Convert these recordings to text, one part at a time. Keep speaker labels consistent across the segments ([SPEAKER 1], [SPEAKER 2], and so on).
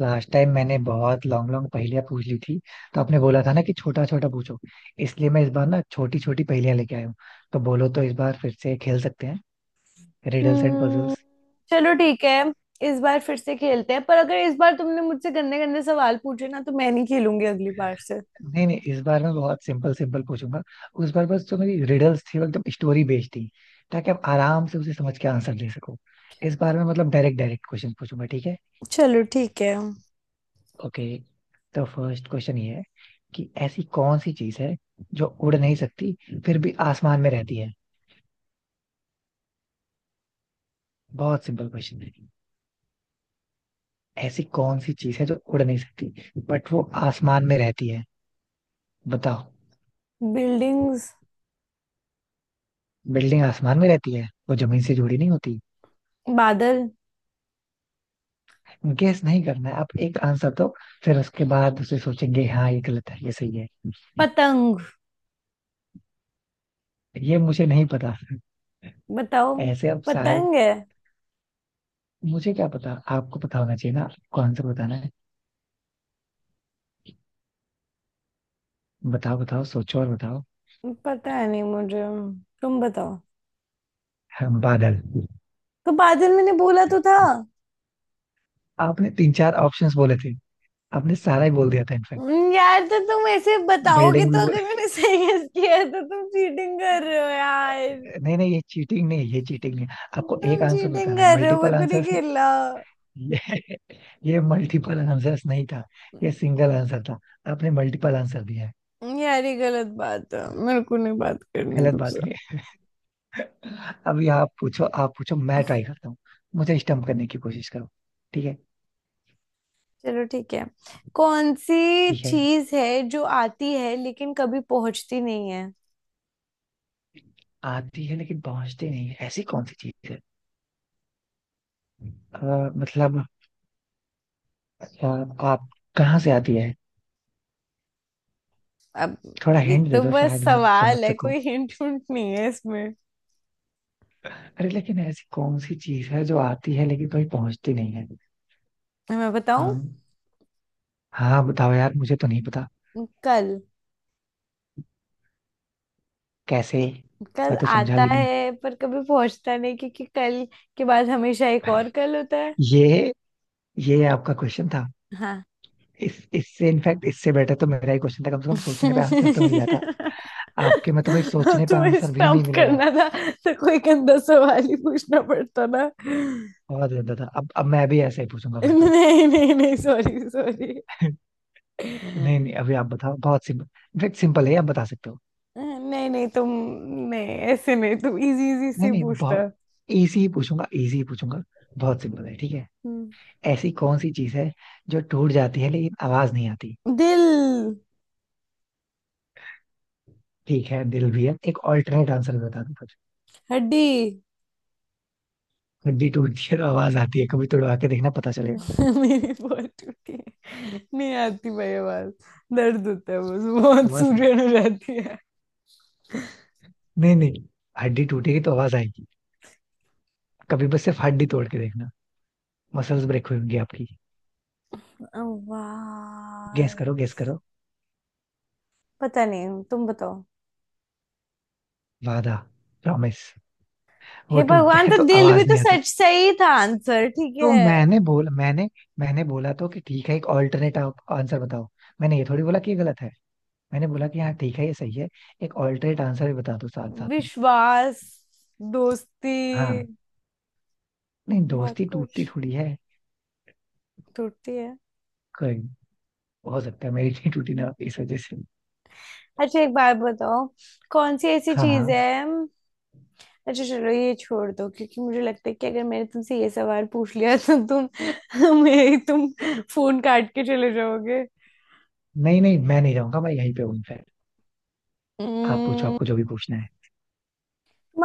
[SPEAKER 1] Last time मैंने बहुत long long पहेलियां पूछ ली थी। तो आपने बोला था ना कि छोटा छोटा पूछो। इसलिए मैं इस बार ना छोटी छोटी पहेलियां लेके आया हूँ। तो बोलो तो इस बार फिर से खेल सकते हैं रिडल्स एंड
[SPEAKER 2] हम्म।
[SPEAKER 1] पजल्स।
[SPEAKER 2] चलो ठीक है। इस बार फिर से खेलते हैं, पर अगर इस बार तुमने मुझसे गंदे गंदे सवाल पूछे ना तो मैं नहीं खेलूंगी अगली बार से।
[SPEAKER 1] नहीं नहीं इस बार मैं बहुत सिंपल सिंपल पूछूंगा। उस बार बस जो मेरी रिडल्स थी वो एकदम स्टोरी बेस्ड थी। ताकि आप आराम से उसे समझ के आंसर दे सको। इस बार मैं मतलब डायरेक्ट डायरेक्ट क्वेश्चन पूछूंगा, ठीक है।
[SPEAKER 2] चलो ठीक है।
[SPEAKER 1] ओके। तो फर्स्ट क्वेश्चन ये है कि ऐसी कौन सी चीज है जो उड़ नहीं सकती फिर भी आसमान में रहती है। बहुत सिंपल क्वेश्चन है। ऐसी कौन सी चीज है जो उड़ नहीं सकती बट वो आसमान में रहती है। बताओ।
[SPEAKER 2] बिल्डिंग्स।
[SPEAKER 1] बिल्डिंग आसमान में रहती है वो जमीन से जुड़ी नहीं होती।
[SPEAKER 2] बादल।
[SPEAKER 1] गेस नहीं करना है, आप एक आंसर दो। फिर उसके बाद उसे सोचेंगे हाँ ये गलत है ये सही है।
[SPEAKER 2] पतंग।
[SPEAKER 1] ये मुझे नहीं पता।
[SPEAKER 2] बताओ।
[SPEAKER 1] ऐसे अब सारे।
[SPEAKER 2] पतंग है।
[SPEAKER 1] मुझे क्या पता आपको पता होना चाहिए ना, आपको आंसर बताना है। बताओ बताओ सोचो और बताओ।
[SPEAKER 2] पता है नहीं मुझे, तुम बताओ।
[SPEAKER 1] हम बादल।
[SPEAKER 2] तो बादल मैंने बोला तो था।
[SPEAKER 1] आपने तीन चार ऑप्शंस बोले थे। आपने सारा ही बोल दिया था इनफैक्ट।
[SPEAKER 2] यार तो तुम ऐसे बताओगे
[SPEAKER 1] बिल्डिंग भी
[SPEAKER 2] तो
[SPEAKER 1] बोल।
[SPEAKER 2] अगर मैंने सही गेस किया है, तो तुम चीटिंग कर रहे हो यार।
[SPEAKER 1] नहीं नहीं ये चीटिंग नहीं है, ये चीटिंग नहीं है। आपको एक
[SPEAKER 2] तुम
[SPEAKER 1] आंसर
[SPEAKER 2] चीटिंग
[SPEAKER 1] बताना है
[SPEAKER 2] कर रहे हो, मेरे
[SPEAKER 1] मल्टीपल
[SPEAKER 2] को नहीं
[SPEAKER 1] आंसर्स ने।
[SPEAKER 2] खेलना।
[SPEAKER 1] ये ये मल्टीपल आंसर्स नहीं था। ये सिंगल आंसर था। आपने मल्टीपल आंसर दिया है।
[SPEAKER 2] यार ये गलत बात है, मेरे को नहीं बात करनी
[SPEAKER 1] गलत
[SPEAKER 2] तुमसे।
[SPEAKER 1] बात नहीं है। अभी आप पूछो। आप पूछो मैं ट्राई करता हूँ। मुझे स्टम्प करने की कोशिश करो। ठीक है।
[SPEAKER 2] चलो ठीक है। कौन सी
[SPEAKER 1] ठीक है
[SPEAKER 2] चीज है जो आती है लेकिन कभी पहुंचती नहीं है।
[SPEAKER 1] आती है लेकिन पहुंचती नहीं है ऐसी कौन सी चीज है। मतलब अ, आप कहाँ से आती है।
[SPEAKER 2] अब
[SPEAKER 1] थोड़ा
[SPEAKER 2] ये
[SPEAKER 1] हिंट दे
[SPEAKER 2] तो
[SPEAKER 1] दो
[SPEAKER 2] बस
[SPEAKER 1] शायद मैं समझ
[SPEAKER 2] सवाल है,
[SPEAKER 1] सकूं।
[SPEAKER 2] कोई हिंट विंट नहीं है इसमें।
[SPEAKER 1] अरे लेकिन ऐसी कौन सी चीज है जो आती है लेकिन कहीं पहुंचती नहीं है।
[SPEAKER 2] मैं बताऊं?
[SPEAKER 1] हाँ हाँ बताओ यार मुझे तो नहीं पता।
[SPEAKER 2] कल।
[SPEAKER 1] कैसे।
[SPEAKER 2] कल
[SPEAKER 1] मैं तो समझा
[SPEAKER 2] आता
[SPEAKER 1] भी नहीं।
[SPEAKER 2] है पर कभी पहुंचता नहीं क्योंकि कल के बाद हमेशा एक और कल होता है।
[SPEAKER 1] ये ये आपका क्वेश्चन था।
[SPEAKER 2] हाँ।
[SPEAKER 1] इस इससे इनफैक्ट इससे बेटर तो मेरा ही क्वेश्चन था कम से कम सोचने पे आंसर तो मिल जाता। आपके में तो भाई सोचने पे
[SPEAKER 2] तुम्हें
[SPEAKER 1] आंसर भी नहीं
[SPEAKER 2] स्टंप
[SPEAKER 1] मिलेगा।
[SPEAKER 2] करना था। तो कोई गंदा सवाल ही पूछना पड़ता ना।
[SPEAKER 1] बहुत ज्यादा था। अब मैं भी ऐसा ही पूछूंगा फिर तो।
[SPEAKER 2] नहीं नहीं नहीं सॉरी सॉरी।
[SPEAKER 1] नहीं नहीं अभी आप बताओ बहुत सिंपल। इनफैक्ट सिंपल है आप बता सकते हो।
[SPEAKER 2] नहीं नहीं तुम नहीं ऐसे नहीं, तुम इजी इजी
[SPEAKER 1] नहीं
[SPEAKER 2] से
[SPEAKER 1] नहीं
[SPEAKER 2] पूछना।
[SPEAKER 1] बहुत इजी ही पूछूंगा इजी ही पूछूंगा। बहुत सिंपल है ठीक है। ऐसी कौन सी चीज है जो टूट जाती है लेकिन आवाज नहीं आती।
[SPEAKER 2] दिल।
[SPEAKER 1] ठीक है दिल भी है एक ऑल्टरनेट आंसर बता दो फिर।
[SPEAKER 2] हड्डी।
[SPEAKER 1] हड्डी टूटती है तो आवाज आती है कभी तोड़वा के देखना पता चलेगा।
[SPEAKER 2] मेरी बहुत टूटी है। नहीं आती भाई आवाज। दर्द होता है बस, बहुत
[SPEAKER 1] बस।
[SPEAKER 2] सूजन हो जाती है।
[SPEAKER 1] नहीं नहीं हड्डी टूटेगी तो आवाज आएगी। कभी बस सिर्फ हड्डी तोड़ के देखना। मसल्स ब्रेक हुई होंगी आपकी। गेस
[SPEAKER 2] आवाज।
[SPEAKER 1] करो गेस करो।
[SPEAKER 2] पता नहीं, तुम बताओ।
[SPEAKER 1] वादा। प्रॉमिस। वो
[SPEAKER 2] हे
[SPEAKER 1] टूटता
[SPEAKER 2] भगवान,
[SPEAKER 1] है
[SPEAKER 2] तो
[SPEAKER 1] तो
[SPEAKER 2] दिल भी
[SPEAKER 1] आवाज
[SPEAKER 2] तो
[SPEAKER 1] नहीं आता।
[SPEAKER 2] सच सही था आंसर। ठीक
[SPEAKER 1] तो
[SPEAKER 2] है।
[SPEAKER 1] मैंने बोला तो कि ठीक है एक ऑल्टरनेट आंसर बताओ। मैंने ये थोड़ी बोला कि ये गलत है। मैंने बोला कि हाँ ठीक है ये सही है। एक ऑल्टरनेट आंसर भी बता दो साथ साथ में।
[SPEAKER 2] विश्वास। दोस्ती।
[SPEAKER 1] हाँ नहीं
[SPEAKER 2] बहुत
[SPEAKER 1] दोस्ती
[SPEAKER 2] कुछ
[SPEAKER 1] टूटती थोड़ी है।
[SPEAKER 2] टूटती है।
[SPEAKER 1] कोई नहीं, हो सकता है मेरी नहीं टूटी ना इस वजह से।
[SPEAKER 2] अच्छा एक बात बताओ। कौन सी ऐसी
[SPEAKER 1] हाँ
[SPEAKER 2] चीज
[SPEAKER 1] हाँ।
[SPEAKER 2] है। अच्छा चलो ये छोड़ दो, क्योंकि मुझे लगता है कि अगर मैंने तुमसे ये सवाल पूछ लिया तो तुम मेरी तुम फोन काट के चले जाओगे।
[SPEAKER 1] नहीं नहीं मैं नहीं जाऊंगा मैं यहीं पे हूँ इनफैक्ट। आप पूछो
[SPEAKER 2] हम्म।
[SPEAKER 1] आपको जो भी पूछना है।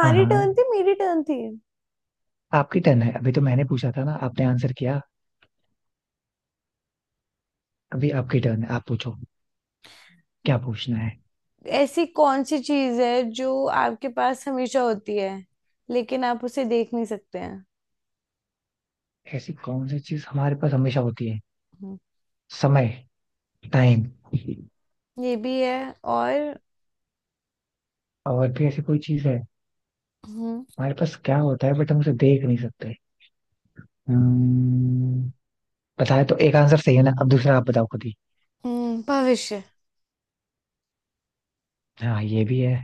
[SPEAKER 1] हाँ हाँ।
[SPEAKER 2] टर्न थी, मेरी टर्न थी।
[SPEAKER 1] आपकी टर्न है। अभी तो मैंने पूछा था ना आपने आंसर किया। अभी आपकी टर्न है आप पूछो। क्या पूछना है।
[SPEAKER 2] ऐसी कौन सी चीज है जो आपके पास हमेशा होती है लेकिन आप उसे देख नहीं सकते हैं।
[SPEAKER 1] ऐसी कौन सी चीज हमारे पास हमेशा होती है।
[SPEAKER 2] हम्म,
[SPEAKER 1] समय। टाइम।
[SPEAKER 2] ये भी है और।
[SPEAKER 1] और भी ऐसी कोई चीज है।
[SPEAKER 2] हम्म।
[SPEAKER 1] हमारे पास क्या होता है बट हम उसे देख नहीं सकते। हम्म, बताया तो एक आंसर सही है ना अब दूसरा आप बताओ खुद ही।
[SPEAKER 2] भविष्य।
[SPEAKER 1] हाँ ये भी है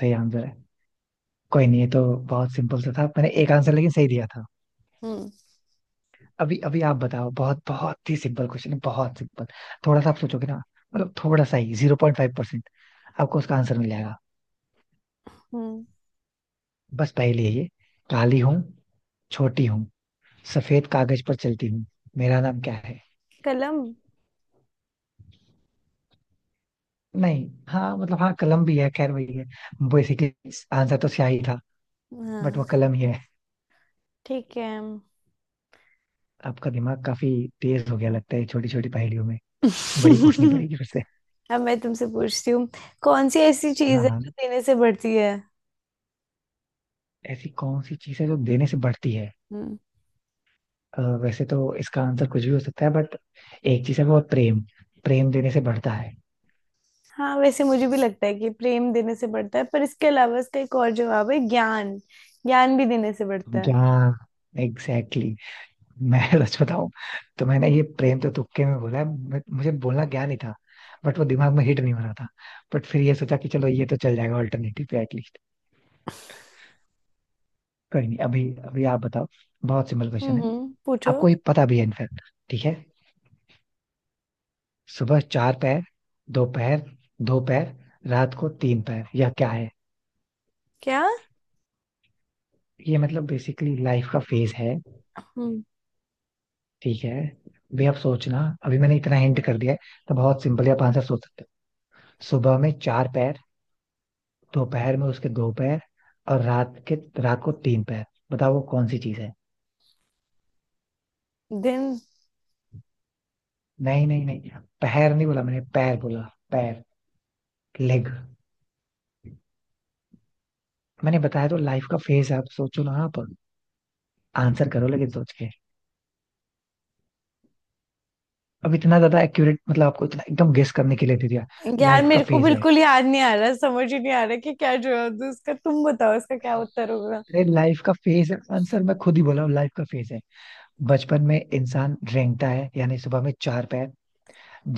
[SPEAKER 1] सही आंसर है। कोई नहीं ये तो बहुत सिंपल सा था मैंने एक आंसर लेकिन सही दिया था।
[SPEAKER 2] हम्म
[SPEAKER 1] अभी अभी आप बताओ। बहुत बहुत ही सिंपल क्वेश्चन है बहुत सिंपल। थोड़ा सा आप सोचोगे ना। मतलब थोड़ा सा ही 0.5 आपको उसका आंसर मिल जाएगा।
[SPEAKER 2] हम्म,
[SPEAKER 1] बस पहली है ये। काली हूँ छोटी हूँ सफेद कागज पर चलती हूँ मेरा नाम क्या है।
[SPEAKER 2] कलम।
[SPEAKER 1] नहीं हाँ मतलब हाँ कलम भी है खैर वही है बेसिकली। आंसर तो स्याही था। बट वो
[SPEAKER 2] हाँ।
[SPEAKER 1] कलम ही है।
[SPEAKER 2] ठीक है।
[SPEAKER 1] आपका दिमाग काफी तेज हो गया लगता है छोटी छोटी पहेलियों में। बड़ी पूछनी पड़ेगी फिर से।
[SPEAKER 2] अब मैं तुमसे पूछती हूँ, कौन सी ऐसी
[SPEAKER 1] हाँ
[SPEAKER 2] चीज है
[SPEAKER 1] हाँ।
[SPEAKER 2] जो देने से बढ़ती है।
[SPEAKER 1] ऐसी कौन सी चीज है जो देने से बढ़ती है।
[SPEAKER 2] हम्म।
[SPEAKER 1] वैसे तो इसका आंसर कुछ भी हो सकता है बट एक चीज है वो है प्रेम। प्रेम देने से बढ़ता है।
[SPEAKER 2] हाँ वैसे मुझे भी लगता है कि प्रेम देने से बढ़ता है, पर इसके अलावा इसका एक और जवाब है ज्ञान। ज्ञान भी देने से बढ़ता है।
[SPEAKER 1] जहाँ एग्जैक्टली। मैं सच बताऊं तो मैंने ये प्रेम तो तुक्के में बोला है but मुझे बोलना ज्ञान ही था। बट वो दिमाग में हिट नहीं हो रहा था। बट फिर ये सोचा कि चलो ये तो चल जाएगा ऑल्टरनेटिव पे एटलीस्ट। कोई नहीं अभी अभी आप बताओ। बहुत सिंपल क्वेश्चन है।
[SPEAKER 2] पूछो।
[SPEAKER 1] आपको ये पता भी है इनफैक्ट। ठीक है। सुबह चार पैर दोपहर दो पैर रात को तीन पैर यह क्या है।
[SPEAKER 2] क्या।
[SPEAKER 1] ये मतलब बेसिकली लाइफ का फेज है।
[SPEAKER 2] हम्म।
[SPEAKER 1] ठीक है भी आप सोचना। अभी मैंने इतना हिंट कर दिया है। तो बहुत सिंपल है आप आंसर सोच सकते हो। सुबह में चार पैर दोपहर में उसके दो पैर और रात के रात को तीन पैर। बताओ वो कौन सी चीज है।
[SPEAKER 2] दिन।
[SPEAKER 1] नहीं नहीं नहीं पैर नहीं बोला मैंने पैर बोला। पैर लेग। मैंने बताया तो लाइफ का फेज है, आप सोचो ना आप आंसर करो लेकिन सोच के। अब इतना ज्यादा एक्यूरेट मतलब आपको इतना एकदम गेस करने के लिए दे दिया।
[SPEAKER 2] यार
[SPEAKER 1] लाइफ का
[SPEAKER 2] मेरे को
[SPEAKER 1] फेज है।
[SPEAKER 2] बिल्कुल याद नहीं आ रहा, समझ ही नहीं आ रहा कि क्या जवाब दूं उसका। तुम बताओ उसका क्या उत्तर होगा।
[SPEAKER 1] अरे लाइफ का फेज है आंसर मैं खुद ही बोला हूँ लाइफ का फेज है। बचपन में इंसान रेंगता है यानी सुबह में चार पैर।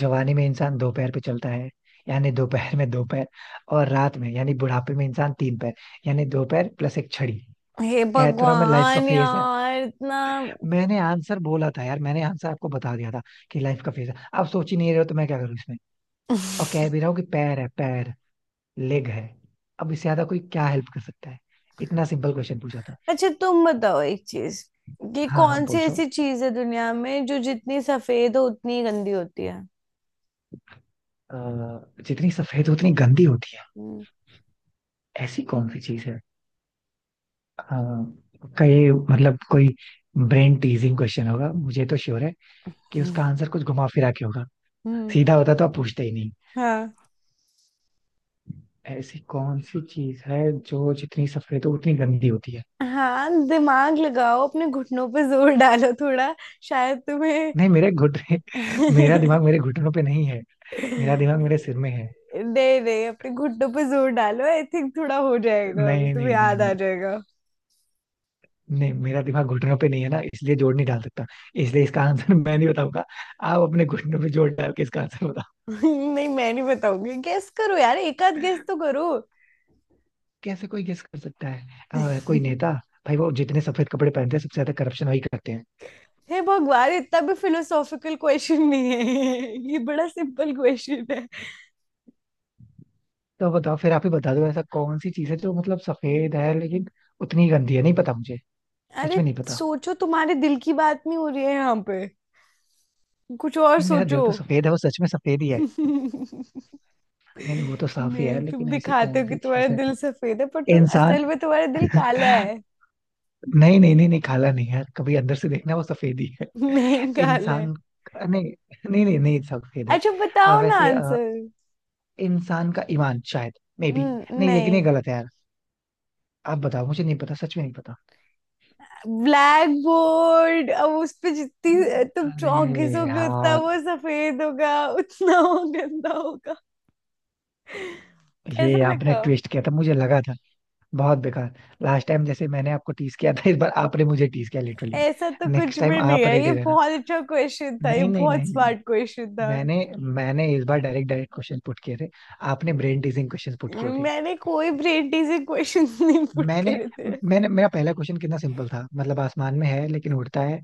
[SPEAKER 1] जवानी में इंसान दो पैर पे चलता है। यानी दो पैर में दो पैर। और रात में यानी बुढ़ापे में इंसान तीन पैर। यानी दो पैर प्लस एक छड़ी।
[SPEAKER 2] हे
[SPEAKER 1] कह तो रहा मैं लाइफ का
[SPEAKER 2] भगवान
[SPEAKER 1] फेज है।
[SPEAKER 2] यार इतना।
[SPEAKER 1] मैंने आंसर बोला था यार मैंने आंसर आपको बता दिया था कि लाइफ का फेज है। आप सोच ही नहीं रहे हो तो मैं क्या करूँ इसमें। और कह भी रहा हूँ कि पैर है पैर लेग है। अब इससे ज्यादा कोई क्या हेल्प कर सकता है। इतना सिंपल क्वेश्चन पूछा था।
[SPEAKER 2] अच्छा तुम बताओ एक चीज, कि
[SPEAKER 1] हाँ हाँ
[SPEAKER 2] कौन सी
[SPEAKER 1] पूछो।
[SPEAKER 2] ऐसी चीज है दुनिया में जो जितनी सफेद हो उतनी गंदी होती है।
[SPEAKER 1] अ, जितनी सफेद उतनी गंदी होती है।
[SPEAKER 2] हम्म।
[SPEAKER 1] ऐसी कौन सी चीज है। हाँ पक्का ये मतलब कोई ब्रेन टीजिंग क्वेश्चन होगा मुझे तो श्योर है कि उसका आंसर कुछ घुमा फिरा के होगा।
[SPEAKER 2] हम्म।
[SPEAKER 1] सीधा होता तो आप पूछते ही नहीं।
[SPEAKER 2] हाँ।
[SPEAKER 1] ऐसी कौन सी चीज है जो जितनी सफेद हो उतनी गंदी होती है।
[SPEAKER 2] हाँ दिमाग लगाओ, अपने घुटनों पे जोर डालो थोड़ा, शायद तुम्हें
[SPEAKER 1] नहीं मेरे घुटने। मेरा दिमाग मेरे घुटनों पे नहीं है। मेरा दिमाग मेरे सिर में है।
[SPEAKER 2] नहीं नहीं अपने घुटनों पे जोर डालो, आई थिंक थोड़ा हो जाएगा अभी
[SPEAKER 1] नहीं
[SPEAKER 2] तुम्हें
[SPEAKER 1] नहीं नहीं
[SPEAKER 2] याद
[SPEAKER 1] नहीं।
[SPEAKER 2] आ जाएगा।
[SPEAKER 1] नहीं मेरा दिमाग घुटनों पे नहीं है ना इसलिए जोड़ नहीं डाल सकता। इसलिए इसका आंसर मैं नहीं बताऊंगा। आप अपने घुटनों पे जोड़ डाल के इसका आंसर।
[SPEAKER 2] नहीं मैं नहीं बताऊंगी, गेस करो यार, एक आध गेस तो करो।
[SPEAKER 1] कैसे कोई गेस कर सकता है। कोई नेता। भाई वो जितने सफेद कपड़े पहनते हैं सबसे ज्यादा करप्शन वही करते हैं।
[SPEAKER 2] हे भगवान इतना भी फिलोसॉफिकल क्वेश्चन नहीं है। ये बड़ा सिंपल क्वेश्चन है।
[SPEAKER 1] तो बताओ फिर आप ही बता दो ऐसा कौन सी चीज है जो मतलब सफेद है लेकिन उतनी ही गंदी है नहीं पता मुझे। सच
[SPEAKER 2] अरे
[SPEAKER 1] में नहीं पता।
[SPEAKER 2] सोचो, तुम्हारे दिल की बात नहीं हो रही है यहाँ पे, कुछ और
[SPEAKER 1] नहीं मेरा
[SPEAKER 2] सोचो।
[SPEAKER 1] दिल तो सफेद है वो सच में सफेद ही है। नहीं नहीं वो तो साफ ही है
[SPEAKER 2] नहीं तुम
[SPEAKER 1] लेकिन ऐसी
[SPEAKER 2] दिखाते
[SPEAKER 1] कौन
[SPEAKER 2] हो कि
[SPEAKER 1] सी
[SPEAKER 2] तुम्हारा
[SPEAKER 1] चीज है।
[SPEAKER 2] दिल सफेद है, पर तुम
[SPEAKER 1] इंसान।
[SPEAKER 2] असल में तुम्हारा दिल काला है।
[SPEAKER 1] नहीं नहीं नहीं नहीं काला नहीं है कभी अंदर से देखना वो सफेद ही है।
[SPEAKER 2] नहीं काला
[SPEAKER 1] इंसान।
[SPEAKER 2] है।
[SPEAKER 1] नहीं नहीं नहीं नहीं सफेद है।
[SPEAKER 2] अच्छा बताओ ना
[SPEAKER 1] वैसे
[SPEAKER 2] आंसर।
[SPEAKER 1] इंसान का ईमान शायद मे बी। नहीं लेकिन ये
[SPEAKER 2] नहीं।
[SPEAKER 1] गलत है यार। आप बताओ मुझे नहीं पता सच में नहीं पता।
[SPEAKER 2] Black board. अब उस पे जितनी तुम
[SPEAKER 1] अरे
[SPEAKER 2] चौक घिसोगे उतना
[SPEAKER 1] यार
[SPEAKER 2] वो सफेद होगा, उतना वो गंदा होगा।
[SPEAKER 1] ये
[SPEAKER 2] कैसा
[SPEAKER 1] आपने
[SPEAKER 2] लगा?
[SPEAKER 1] ट्विस्ट किया था मुझे लगा था। बहुत बेकार। लास्ट टाइम जैसे मैंने आपको टीस किया था इस बार आपने मुझे टीस किया लिटरली।
[SPEAKER 2] ऐसा तो कुछ
[SPEAKER 1] नेक्स्ट टाइम
[SPEAKER 2] भी नहीं
[SPEAKER 1] आप
[SPEAKER 2] है, ये
[SPEAKER 1] रेडी रहना।
[SPEAKER 2] बहुत अच्छा क्वेश्चन था, ये
[SPEAKER 1] नहीं नहीं
[SPEAKER 2] बहुत
[SPEAKER 1] नहीं नहीं
[SPEAKER 2] स्मार्ट क्वेश्चन था।
[SPEAKER 1] मैंने मैंने इस बार डायरेक्ट डायरेक्ट क्वेश्चन पुट किए थे। आपने ब्रेन टीजिंग क्वेश्चन पुट किए थे।
[SPEAKER 2] मैंने कोई ब्रेन टीजिंग क्वेश्चन नहीं पुट
[SPEAKER 1] मैंने
[SPEAKER 2] करे थे।
[SPEAKER 1] मैंने मेरा पहला क्वेश्चन कितना सिंपल था मतलब आसमान में है लेकिन उड़ता है।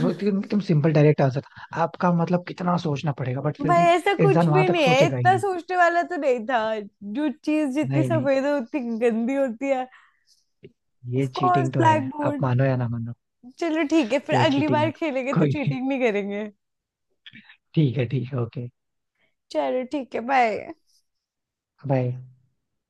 [SPEAKER 1] वो एकदम सिंपल डायरेक्ट आंसर था आपका मतलब कितना सोचना पड़ेगा बट फिर
[SPEAKER 2] भाई
[SPEAKER 1] भी।
[SPEAKER 2] ऐसा
[SPEAKER 1] इंसान
[SPEAKER 2] कुछ
[SPEAKER 1] वहां
[SPEAKER 2] भी
[SPEAKER 1] तक
[SPEAKER 2] नहीं है,
[SPEAKER 1] सोचेगा ही
[SPEAKER 2] इतना
[SPEAKER 1] नहीं।
[SPEAKER 2] सोचने वाला तो नहीं था। जो चीज जितनी
[SPEAKER 1] नहीं नहीं
[SPEAKER 2] सफेद होती गंदी होती है,
[SPEAKER 1] ये
[SPEAKER 2] ऑफ कोर्स
[SPEAKER 1] चीटिंग तो है
[SPEAKER 2] ब्लैक
[SPEAKER 1] आप
[SPEAKER 2] बोर्ड।
[SPEAKER 1] मानो या ना मानो।
[SPEAKER 2] चलो ठीक है, फिर
[SPEAKER 1] ये
[SPEAKER 2] अगली
[SPEAKER 1] चीटिंग
[SPEAKER 2] बार
[SPEAKER 1] है।
[SPEAKER 2] खेलेंगे तो
[SPEAKER 1] कोई नहीं
[SPEAKER 2] चीटिंग नहीं करेंगे।
[SPEAKER 1] ठीक है ठीक है ओके
[SPEAKER 2] चलो ठीक है, बाय।
[SPEAKER 1] बाय।